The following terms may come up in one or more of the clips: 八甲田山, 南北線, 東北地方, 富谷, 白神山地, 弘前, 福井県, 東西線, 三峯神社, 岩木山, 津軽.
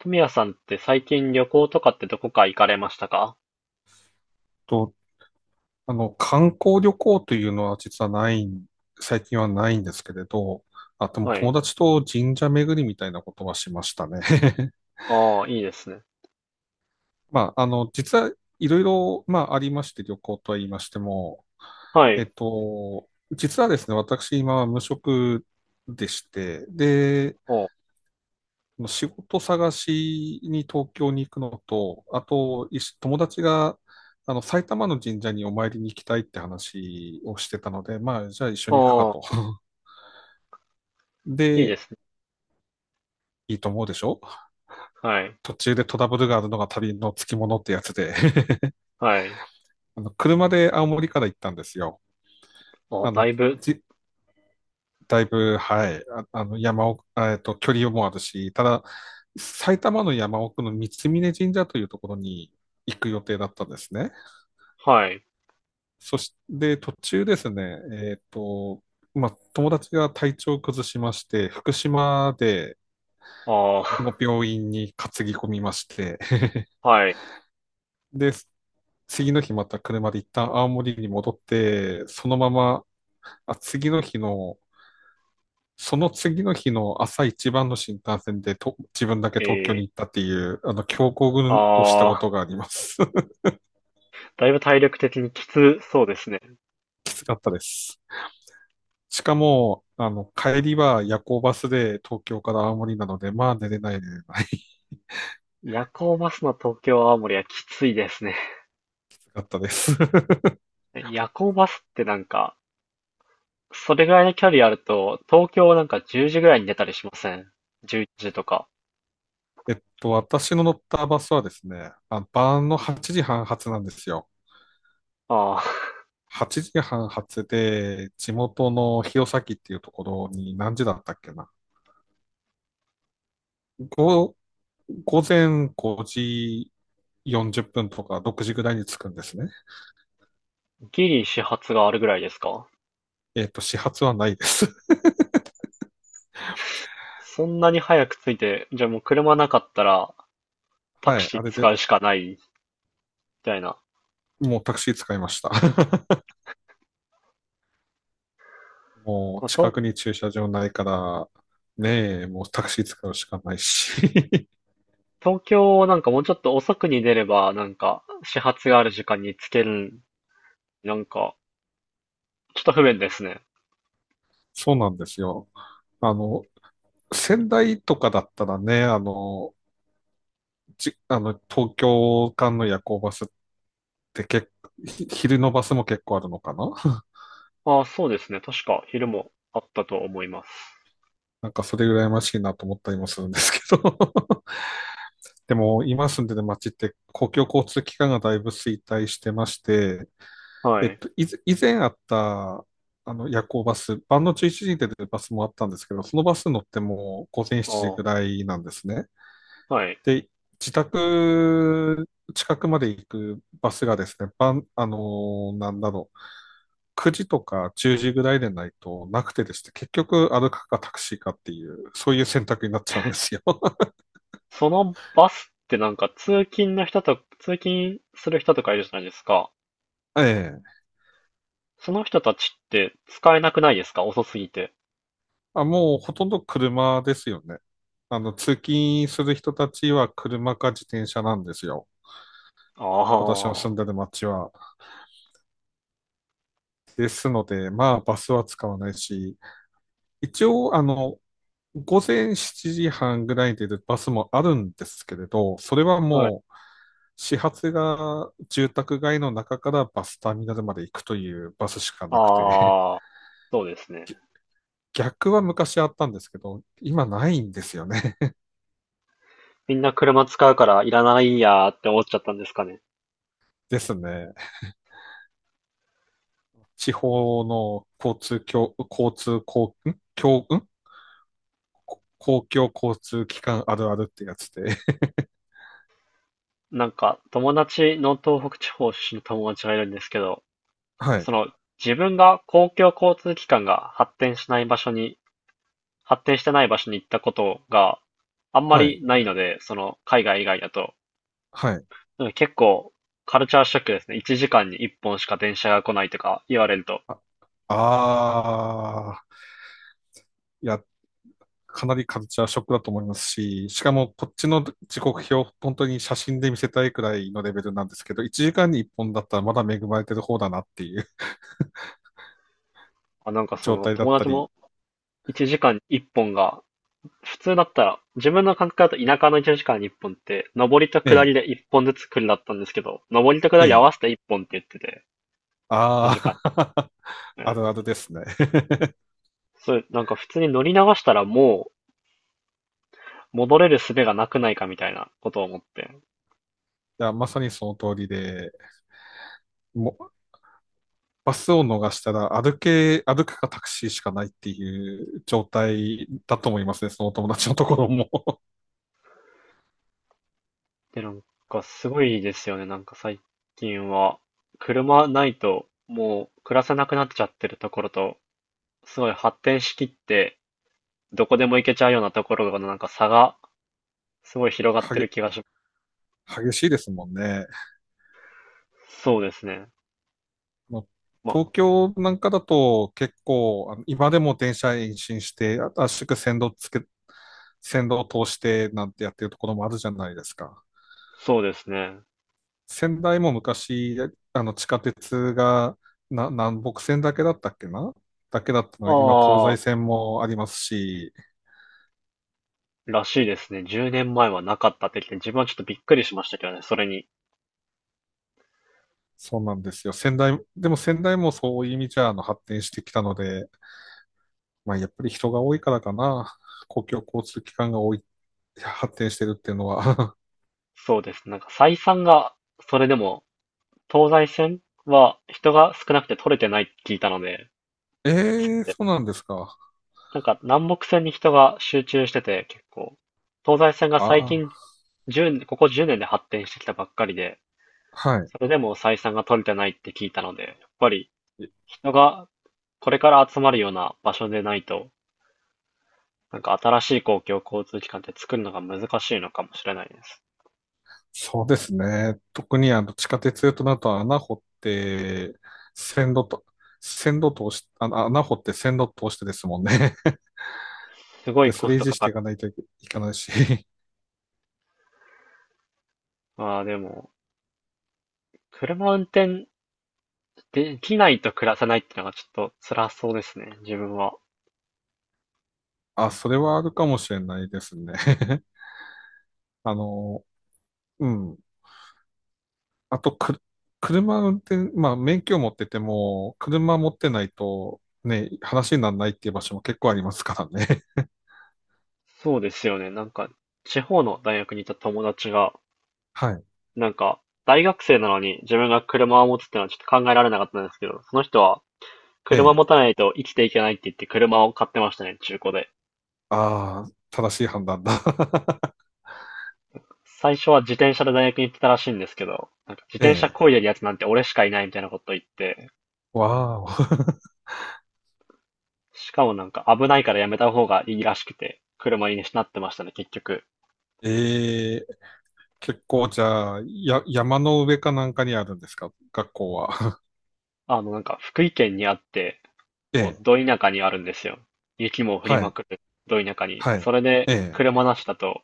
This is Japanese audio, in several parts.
富谷さんって最近旅行とかってどこか行かれましたか？と、観光旅行というのは実はないん、最近はないんですけれど、あ、でもは友い。達と神社巡りみたいなことはしましたね。ああ、いいですね。まあ、実はいろいろ、まあ、ありまして、旅行とは言いましても、はい。実はですね、私今は無職でして、で、お、仕事探しに東京に行くのと、あと、友達が、埼玉の神社にお参りに行きたいって話をしてたので、まあ、じゃあ一緒に行くかあと。あ、いいでで、すね。いいと思うでしょ？はい。途中でトラブルがあるのが旅のつきものってやつで、はい。車で青森から行ったんですよ。ああ、あだの、いぶ、じ、だいぶ、はい、あ、山奥、距離もあるし、ただ、埼玉の山奥の三峯神社というところに行く予定だったんですね。はい。そして、途中ですね、えっと、まあ、友達が体調を崩しまして、福島であのあ、病院に担ぎ込みまして、はい。で、次の日また車で一旦青森に戻って、そのまま、あ、次の日の、その次の日の朝一番の新幹線でと、自分だけえ東京にえ、行ったっていう、強行軍をしたあこあ、とがあります。だいぶ体力的にきつそうですね。きつかったです。しかも、帰りは夜行バスで東京から青森なので、まあ寝れない寝れない。夜行バスの東京青森はきついですね。かったです。夜行バスってなんか、それぐらいの距離あると、東京なんか10時ぐらいに出たりしません？ 11 時とか。私の乗ったバスはですね、あ、晩の8時半発なんですよ。ああ、8時半発で、地元の弘前っていうところに何時だったっけな。ご午前5時40分とか6時ぐらいに着くんですね。ギリ始発があるぐらいですか？始発はないです。そんなに早く着いて、じゃあもう車なかったら タはクい、シーあれで、使うしかないみたいな。もうタクシー使いました。もまあ、う近とくに駐車場ないから、ねえ、もうタクシー使うしかないし。東京なんかもうちょっと遅くに出れば、なんか始発がある時間に着ける、なんかちょっと不便ですね。そうなんですよ。あの、仙台とかだったらね、あの、じ、あの、東京間の夜行バスって結構、昼のバスも結構あるのかな。 ああ、そうですね。確か昼もあったと思います。なんかそれ羨ましいなと思ったりもするんですけど。 でも、今住んでる街って公共交通機関がだいぶ衰退してまして、はえっい。と、いず以前あった、夜行バス、晩の11時に出てるバスもあったんですけど、そのバス乗っても午前7時あぐらいなんですね。あ、はい。で、自宅近くまで行くバスがですね、晩、なんだろう、9時とか10時ぐらいでないとなくてですね、結局歩くかタクシーかっていう、そういう選択になっちゃうんですよ。そのバスってなんか通勤する人とかいるじゃないですか。ええ、その人たちって使えなくないですか？遅すぎて。あ、もうほとんど車ですよね。通勤する人たちは車か自転車なんですよ。あ私の住あ、んでる街は。ですので、まあ、バスは使わないし、一応、午前7時半ぐらいで出るバスもあるんですけれど、それははい。もう始発が住宅街の中からバスターミナルまで行くというバスしかなくて、ああ。そうです ね。ぎ逆は昔あったんですけど、今ないんですよね。みんな車使うからいらないやーって思っちゃったんですかね。ですね。地方の交通共、交通公、ん共、ん公共交通機関あるあるってやつで。なんか友達の東北地方出身の友達がいるんですけど、はい、その自分が公共交通機関が発展してない場所に行ったことがあんまはい、りないので、その海外以外だと、はい。なんか結構カルチャーショックですね。1時間に1本しか電車が来ないとか言われると、あ、あー、や、かなりカルチャーショックだと思いますし、しかもこっちの時刻表、本当に写真で見せたいくらいのレベルなんですけど、1時間に1本だったらまだ恵まれてる方だなっていう あ、なんか そ状の態だっ友た達り、も1時間に1本が普通だったら、自分の感覚だと田舎の1時間に1本って、上りとえ下え、りで1本ずつ来るだったんですけど、上りと下えり合え、わせて1本って言ってて、短いああ。間。うあるあん。るですね。そう、なんか普通に乗り流したらもう戻れる術がなくないかみたいなことを思って。いや、まさにその通りで、もうバスを逃したら歩くかタクシーしかないっていう状態だと思いますね、そのお友達のところも。で、なんかすごいですよね。なんか最近は、車ないともう暮らせなくなっちゃってるところと、すごい発展しきって、どこでも行けちゃうようなところのなんか差がすごい広がっはてげ、る気がしま激しいですもんね。す。そうですね。まあのまあ東京なんかだと結構、今でも電車延伸して、あ圧縮線路つけ、線路を通してなんてやってるところもあるじゃないですか。そうですね。仙台も昔、地下鉄が南北線だけだったっけな、だけだったのは今東あ西あ、線もありますし、らしいですね。10年前はなかったってきて、自分はちょっとびっくりしましたけどね、それに。そうなんですよ。でも仙台もそういう意味じゃ、発展してきたので、まあ、やっぱり人が多いからかな。公共交通機関が多い、発展してるっていうのは。そうです。なんか採算が、それでも、東西線は人が少なくて取れてないって聞いたので、ええ、でそうなんですか。なんか南北線に人が集中してて、結構、東西線が最あ近あ、10、ここ10年で発展してきたばっかりで、はい。それでも採算が取れてないって聞いたので、やっぱり人がこれから集まるような場所でないと、なんか新しい公共交通機関って作るのが難しいのかもしれないです。そうですね。特に地下鉄となると穴掘って、線路と、線路通し、穴掘って線路通してですもんね。す ごいで、そコスれ維ト持かしかている。かないといけないし。まあでも、車運転できないと暮らせないってのがちょっと辛そうですね、自分は。あ、それはあるかもしれないですね。あの、うん。あとく、車運転、まあ、免許を持ってても、車持ってないと、ね、話にならないっていう場所も結構ありますからね。そうですよね。なんか、地方の大学にいた友達が、はい。なんか、大学生なのに自分が車を持つってのはちょっと考えられなかったんですけど、その人はえ車え。持たないと生きていけないって言って車を買ってましたね、中古で。ああ、正しい判断だ。最初は自転車で大学に行ってたらしいんですけど、なんか自え転車漕いでえ。るやつなんて俺しかいないみたいなこと言って、わあ。しかもなんか危ないからやめた方がいいらしくて、車になってましたね、結局。ええ、結構、じゃあ、山の上かなんかにあるんですか、学校は？あの、なんか福井県にあって、えもうえ。ど田舎にあるんですよ。雪も降りはまい。くる、ど田舎に。はい。それで、ええ。車なしだと、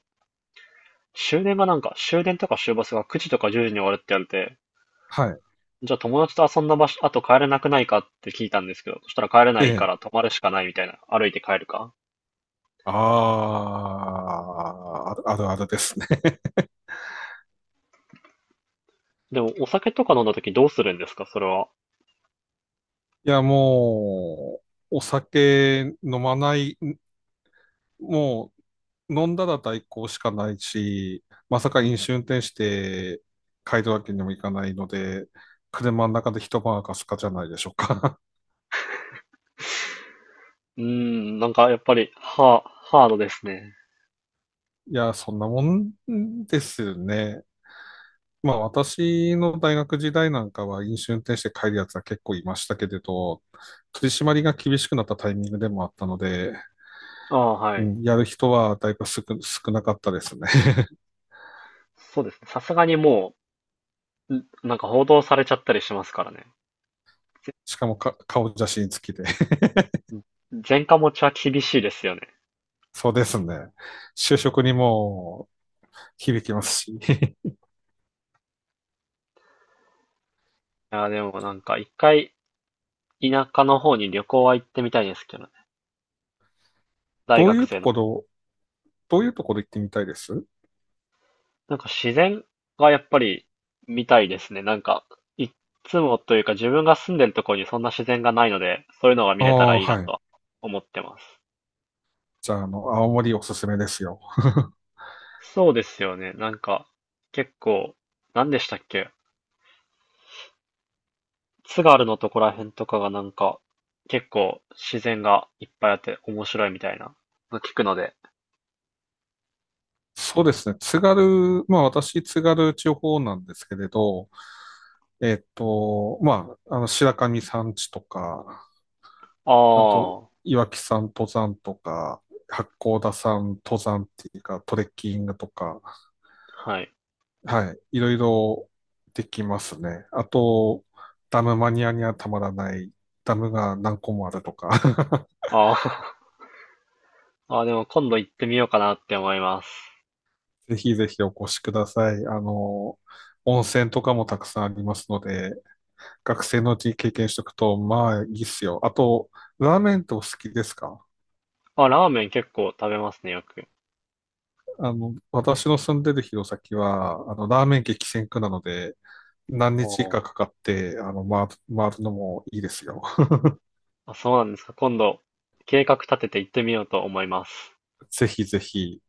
終電がなんか、終電とか終バスが9時とか10時に終わるって言われて、はい。じゃあ友達と遊んだ場所、あと帰れなくないかって聞いたんですけど、そしたら帰れなえいかえ。ら泊まるしかないみたいな、歩いて帰るか。ああ、あるあるあるですね。でも、お酒とか飲んだ時どうするんですか、それは。いや、もう、お酒飲まない、もう飲んだら代行しかないし、まさか飲酒運転して帰るわけにもいかないので、車の中で一晩明かすかじゃないでしょうか。うーん、なんかやっぱり、ハードですね。いや、そんなもんですよね。まあ私の大学時代なんかは飲酒運転して帰るやつは結構いましたけれど、取り締まりが厳しくなったタイミングでもあったので、ああ、はうい。ん、やる人はだいぶ少なかったですね。そうですね。さすがにもう、なんか報道されちゃったりしますからね。しかも顔写真付きで。前科持ちは厳しいですよね。そうですね。就職にも響きますし。いや、でもなんか一回田舎の方に旅行は行ってみたいですけどね。大どう学いう生との。ころ、どういうところ行ってみたいです？なんか自然がやっぱり見たいですね。なんか、いつもというか自分が住んでるところにそんな自然がないので、そういうのが見あれたらあ、いいなはとはい。思ってます。じゃあ、青森おすすめですよ。そうですよね。なんか、結構、何でしたっけ？津軽のとこらへんとかがなんか、結構自然がいっぱいあって面白いみたいなの聞くので。そうですね。津軽、まあ私、津軽地方なんですけれど、まあ、白神山地とか、ああと、あ、岩木山登山とか、八甲田山登山っていうか、トレッキングとか、はい。はい。いろいろできますね。あと、ダムマニアにはたまらない、ダムが何個もあるとか。 あー あー、あでも今度行ってみようかなって思います。ぜひぜひお越しください。温泉とかもたくさんありますので、学生のうちに経験しておくと、まあいいっすよ。あと、ラーメンってお好きですか？あ、ラーメン結構食べますね、よく。私の住んでる弘前は、ラーメン激戦区なので、何お日かーかかって、回るのもいいですよ。あ、そうなんですか。今度、計画立てて行ってみようと思います。ぜひぜひ。